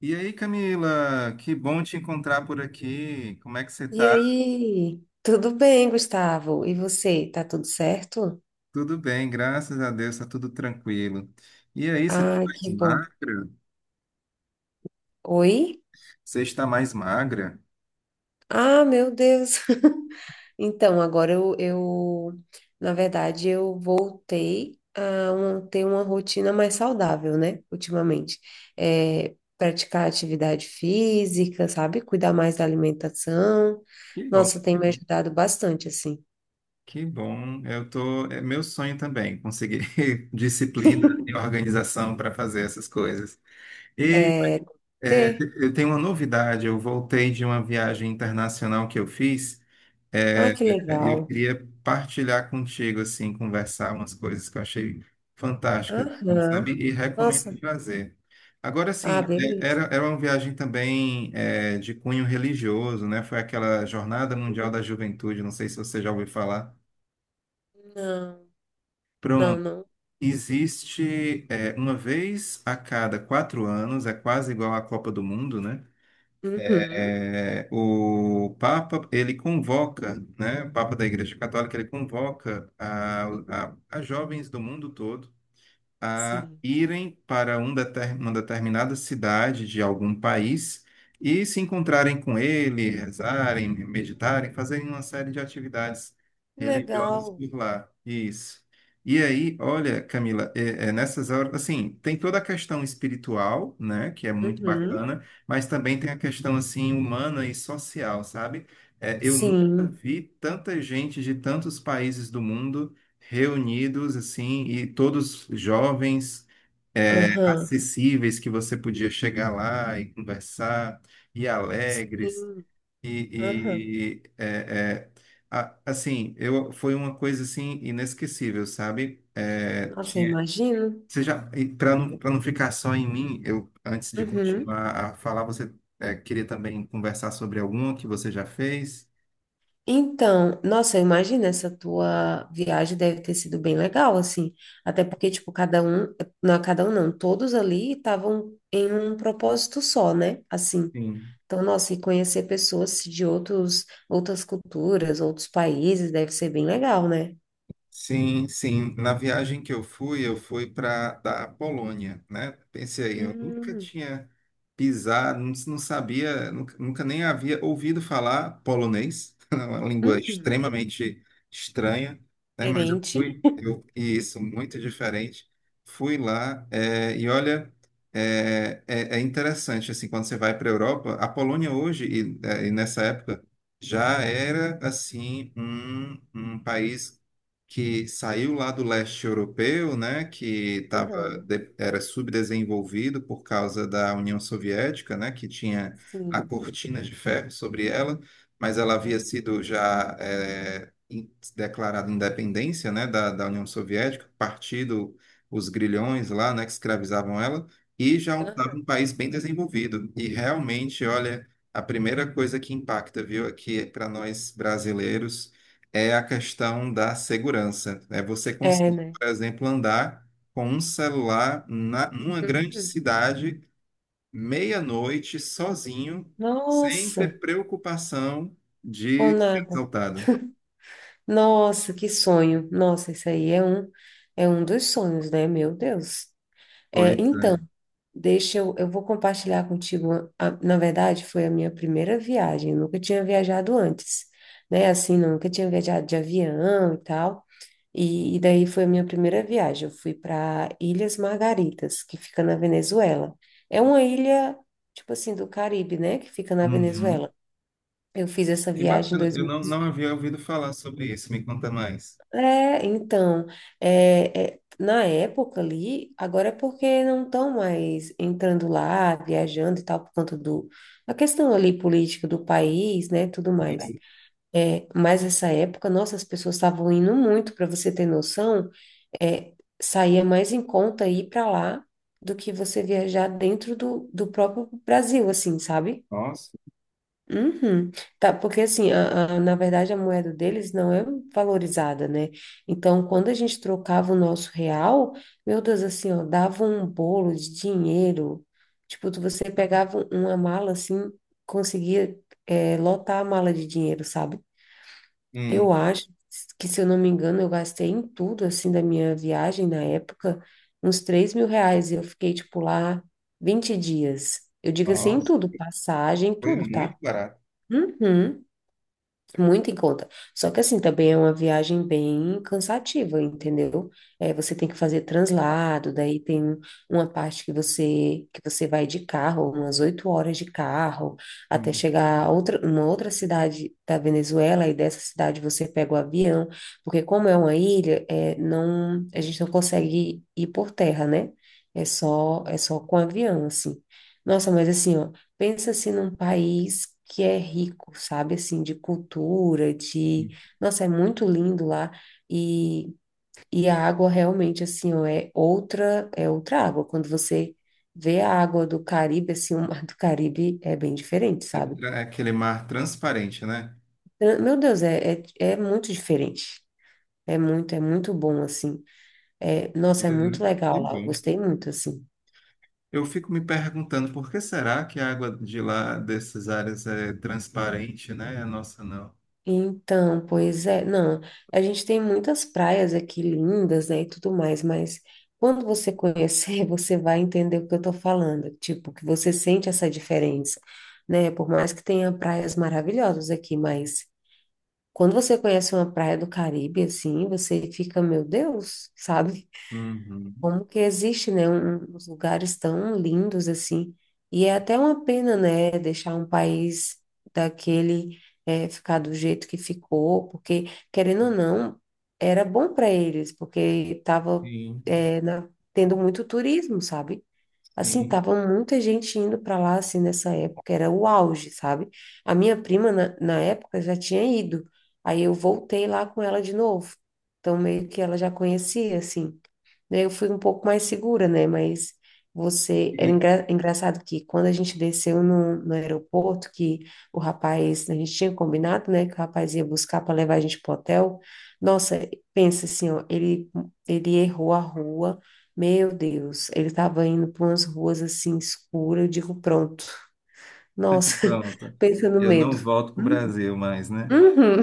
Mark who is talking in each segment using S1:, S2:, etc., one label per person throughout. S1: E aí, Camila, que bom te encontrar por aqui. Como é que você
S2: E
S1: tá?
S2: aí? Tudo bem, Gustavo? E você? Tá tudo certo?
S1: Tudo bem, graças a Deus, tá tudo tranquilo. E aí, você tá
S2: Ah,
S1: mais
S2: que bom.
S1: magra?
S2: Oi?
S1: Você está mais magra?
S2: Ah, meu Deus. Então, agora na verdade, eu voltei a ter uma rotina mais saudável, né? Ultimamente. É, praticar atividade física, sabe? Cuidar mais da alimentação.
S1: Que bom,
S2: Nossa, tem
S1: que
S2: me
S1: bom.
S2: ajudado bastante, assim.
S1: Que bom. Eu tô, é meu sonho também, conseguir disciplina e organização para fazer essas coisas. E
S2: É,
S1: é,
S2: ter.
S1: eu tenho uma novidade, eu voltei de uma viagem internacional que eu fiz.
S2: Ah,
S1: É,
S2: que
S1: eu
S2: legal.
S1: queria partilhar contigo, assim, conversar umas coisas que eu achei fantásticas, assim, sabe?
S2: Aham.
S1: E recomendo
S2: Nossa.
S1: fazer. Agora,
S2: Ah,
S1: assim, é,
S2: beleza.
S1: era, era uma viagem também de cunho religioso, né? Foi aquela Jornada Mundial da Juventude, não sei se você já ouviu falar.
S2: Não, não,
S1: Pronto,
S2: não.
S1: existe uma vez a cada 4 anos, é quase igual à Copa do Mundo, né?
S2: Uhum.
S1: O Papa, ele convoca, né, o Papa da Igreja Católica, ele convoca a jovens do mundo todo a
S2: Sim.
S1: irem para uma determinada cidade de algum país e se encontrarem com ele, rezarem, meditarem, fazerem uma série de atividades
S2: Que
S1: religiosas
S2: legal.
S1: por lá. Isso. E aí, olha, Camila, é nessas horas, assim, tem toda a questão espiritual, né, que é muito
S2: Uhum.
S1: bacana, mas também tem a questão, assim, humana e social, sabe? Eu nunca
S2: Sim.
S1: vi tanta gente de tantos países do mundo reunidos assim e todos jovens
S2: Aham.
S1: acessíveis, que você podia chegar lá e conversar, e alegres
S2: Sim. Aham.
S1: e, é, eu foi uma coisa assim inesquecível, sabe,
S2: Nossa, eu
S1: tinha
S2: imagino.
S1: você já. Para não, para não ficar só em mim, eu, antes de
S2: Uhum.
S1: continuar a falar, você queria também conversar sobre alguma que você já fez.
S2: Então, nossa, eu imagino essa tua viagem deve ter sido bem legal, assim. Até porque, tipo, cada um, não, é cada um não, todos ali estavam em um propósito só, né? Assim.
S1: Sim.
S2: Então, nossa, e conhecer pessoas de outras culturas, outros países, deve ser bem legal, né?
S1: Sim, sim. Na viagem que eu fui para da Polônia, né? Pensei aí, eu nunca
S2: Hum,
S1: tinha pisado, não, não sabia, nunca nem havia ouvido falar polonês, é uma língua
S2: uhum.
S1: extremamente estranha, né? Mas eu
S2: Diferente.
S1: fui, eu, e isso, muito diferente. Fui lá, e olha, é interessante, assim, quando você vai para a Europa, a Polônia hoje, e nessa época, já era, assim, um país que saiu lá do leste europeu, né, que tava,
S2: Aham,
S1: era subdesenvolvido por causa da União Soviética, né, que tinha a
S2: sim.
S1: cortina de ferro sobre ela, mas ela
S2: Aham,
S1: havia sido já declarada independência, né, da União Soviética, partido os grilhões lá, né, que escravizavam ela, e já estava
S2: aham.
S1: um país bem desenvolvido. E realmente, olha, a primeira coisa que impacta, viu, aqui para nós brasileiros, é a questão da segurança. É você
S2: É,
S1: conseguir,
S2: né?
S1: por exemplo, andar com um celular numa grande
S2: Uhum.
S1: cidade, meia-noite, sozinho, sem
S2: Nossa,
S1: ter preocupação
S2: com
S1: de ser
S2: nada.
S1: assaltado.
S2: Nossa, que sonho. Nossa, isso aí é um dos sonhos, né? Meu Deus. É,
S1: Pois
S2: então,
S1: é.
S2: deixa eu vou compartilhar contigo. Na verdade, foi a minha primeira viagem. Eu nunca tinha viajado antes, né? Assim, nunca tinha viajado de avião e tal. E daí foi a minha primeira viagem. Eu fui para Ilhas Margaritas, que fica na Venezuela. É uma ilha, tipo assim, do Caribe, né? Que fica na
S1: Uhum.
S2: Venezuela. Eu fiz essa
S1: Que
S2: viagem em
S1: bacana.
S2: dois
S1: Eu
S2: mil
S1: não,
S2: e.
S1: não havia ouvido falar sobre isso. Me conta mais.
S2: É, então, na época ali, agora é porque não estão mais entrando lá, viajando e tal, por conta a questão ali política do país, né, tudo mais. É, mas essa época, nossa, as pessoas estavam indo muito, para você ter noção, é, saía mais em conta ir para lá do que você viajar dentro do próprio Brasil, assim, sabe?
S1: Nossa.
S2: Uhum. Tá, porque assim, na verdade a moeda deles não é valorizada, né? Então, quando a gente trocava o nosso real, meu Deus, assim, ó, dava um bolo de dinheiro. Tipo, você pegava uma mala assim, conseguia, é, lotar a mala de dinheiro, sabe?
S1: Hum,
S2: Eu acho que, se eu não me engano, eu gastei em tudo, assim, da minha viagem na época, uns R$ 3.000. E eu fiquei, tipo, lá 20 dias. Eu digo assim, em
S1: nossa.
S2: tudo, passagem,
S1: Foi
S2: tudo, tá?
S1: muito barato.
S2: Uhum. Muito em conta. Só que assim, também é uma viagem bem cansativa, entendeu? É, você tem que fazer translado, daí tem uma parte que você vai de carro, umas 8 horas de carro, até
S1: Hum,
S2: chegar uma outra cidade da Venezuela, e dessa cidade você pega o avião, porque como é uma ilha, é, não, a gente não consegue ir por terra, né? É só com avião, assim. Nossa, mas assim, ó, pensa assim num país que é rico, sabe, assim, de cultura, de.
S1: hum.
S2: Nossa, é muito lindo lá e, e a água realmente, assim, ó, é outra água. Quando você vê a água do Caribe, assim, o mar do Caribe é bem diferente, sabe?
S1: É aquele mar transparente, né?
S2: Meu Deus, é muito diferente. É muito bom, assim. É, nossa, é muito
S1: Uhum. Que
S2: legal lá.
S1: bom.
S2: Gostei muito, assim.
S1: Eu fico me perguntando por que será que a água de lá dessas áreas é transparente, né? A nossa não.
S2: Então, pois é, não, a gente tem muitas praias aqui lindas, né, e tudo mais, mas quando você conhecer, você vai entender o que eu tô falando, tipo, que você sente essa diferença, né, por mais que tenha praias maravilhosas aqui, mas quando você conhece uma praia do Caribe, assim, você fica, meu Deus, sabe?
S1: Uhum.
S2: Como que existe, né, uns lugares tão lindos assim. E é até uma pena, né, deixar um país daquele ficar do jeito que ficou, porque, querendo ou não, era bom para eles, porque estava
S1: Sim,
S2: tendo muito turismo, sabe? Assim,
S1: sim.
S2: tava muita gente indo para lá, assim, nessa época, era o auge, sabe? A minha prima, na época, já tinha ido, aí eu voltei lá com ela de novo, então meio que ela já conhecia, assim. Daí eu fui um pouco mais segura, né? Mas você, era
S1: E
S2: engraçado que quando a gente desceu no aeroporto, que o rapaz, a gente tinha combinado, né, que o rapaz ia buscar para levar a gente pro hotel, nossa, pensa assim, ó, ele errou a rua, meu Deus, ele estava indo por umas ruas assim escuras, eu digo, pronto. Nossa,
S1: pronto.
S2: pensa no
S1: Eu
S2: medo.
S1: não volto para o
S2: Hum,
S1: Brasil mais, né?
S2: uhum.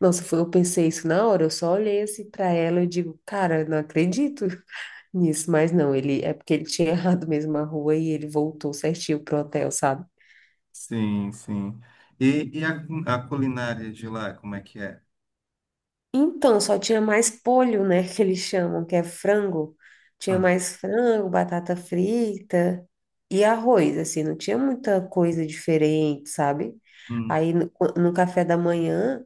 S2: Nossa, eu pensei isso na hora, eu só olhei assim para ela e digo, cara, não acredito nisso, mas não, ele é porque ele tinha errado mesmo a rua e ele voltou certinho pro hotel, sabe?
S1: Sim, sim. E, e a, a culinária de lá, como é que é?
S2: Então, só tinha mais polho, né, que eles chamam, que é frango. Tinha
S1: Ah,
S2: mais frango, batata frita e arroz, assim, não tinha muita coisa diferente, sabe?
S1: hum,
S2: Aí no café da manhã.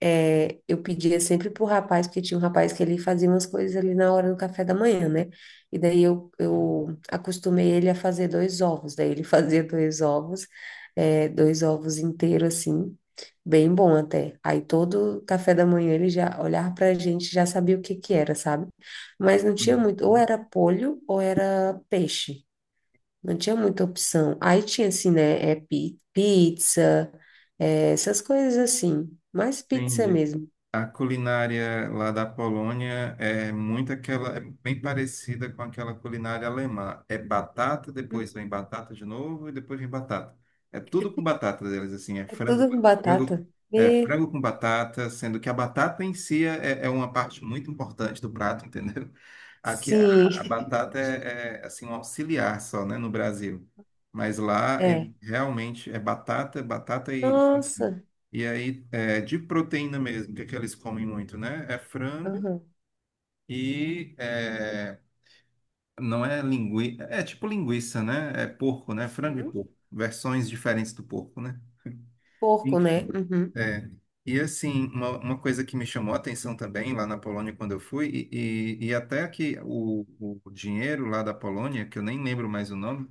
S2: É, eu pedia sempre pro rapaz, porque tinha um rapaz que ele fazia umas coisas ali na hora do café da manhã, né? E daí eu acostumei ele a fazer dois ovos. Daí ele fazia dois ovos, dois ovos inteiros assim, bem bom até. Aí todo café da manhã ele já olhava pra gente, e já sabia o que que era, sabe? Mas não tinha
S1: hum.
S2: muito, ou era polho ou era peixe. Não tinha muita opção. Aí tinha assim, né? É pizza, essas coisas assim. Mais pizza
S1: Entendi.
S2: mesmo.
S1: A culinária lá da Polônia é muito aquela, é bem parecida com aquela culinária alemã. É batata, depois vem batata de novo e depois vem batata. É tudo com batata deles, assim, é
S2: É tudo com
S1: frango,
S2: batata?
S1: é
S2: E,
S1: frango com batata, sendo que a batata em si é uma parte muito importante do prato, entendeu? Aqui a,
S2: sim,
S1: a batata assim um auxiliar só, né, no Brasil. Mas lá ele
S2: é.
S1: realmente é batata, batata
S2: Nossa.
S1: e aí é de proteína mesmo, que é que eles comem muito, né? É frango
S2: Aham.
S1: e não é linguiça, é tipo linguiça, né? É porco, né? Frango e
S2: Hum?
S1: porco, versões diferentes do porco, né?
S2: Porco, né?
S1: Enfim.
S2: Uhum.
S1: É. E assim, uma coisa que me chamou a atenção também lá na Polônia quando eu fui, e até que o dinheiro lá da Polônia, que eu nem lembro mais o nome,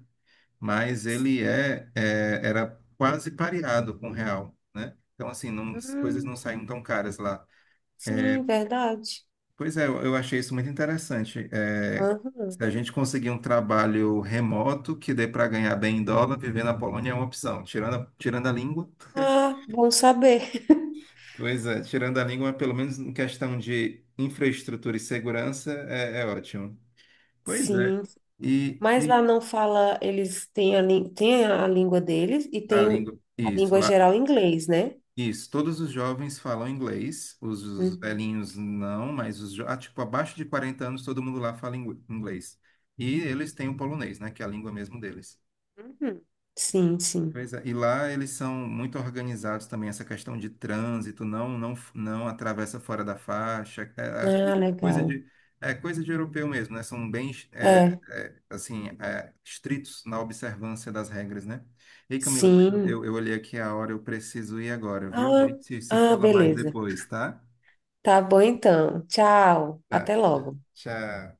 S1: mas ele era quase pareado com o real, né? Então assim, não, as coisas não
S2: Hum,
S1: saíam tão caras lá.
S2: sim, verdade.
S1: Pois é, eu achei isso muito interessante. É,
S2: Aham.
S1: se a gente conseguir um trabalho remoto que dê para ganhar bem em dólar, viver na Polônia é uma opção. Tirando a, tirando a língua,
S2: Ah, bom saber.
S1: pois é, tirando a língua, pelo menos em questão de infraestrutura e segurança, é ótimo. Pois é.
S2: Sim. Mas
S1: E
S2: lá não fala, eles têm a língua deles e
S1: a
S2: tem
S1: língua,
S2: a
S1: isso,
S2: língua
S1: lá,
S2: geral em inglês, né?
S1: isso. Todos os jovens falam inglês, os
S2: Uhum.
S1: velhinhos não, mas os, ah, tipo, abaixo de 40 anos, todo mundo lá fala inglês. E eles têm o polonês, né, que é a língua mesmo deles.
S2: Uhum. Sim, sim.
S1: Pois é, e lá eles são muito organizados também, essa questão de trânsito, não atravessa fora da faixa,
S2: Ah,
S1: coisa
S2: legal.
S1: de é coisa de europeu mesmo, né? São bem
S2: É,
S1: assim estritos na observância das regras, né? Ei, Camila, pois eu,
S2: sim.
S1: eu olhei aqui a hora, eu preciso ir agora, viu? A
S2: Ah,
S1: gente se
S2: ah,
S1: fala mais
S2: beleza.
S1: depois, tá?
S2: Tá bom então. Tchau.
S1: Tá,
S2: Até logo.
S1: tchau.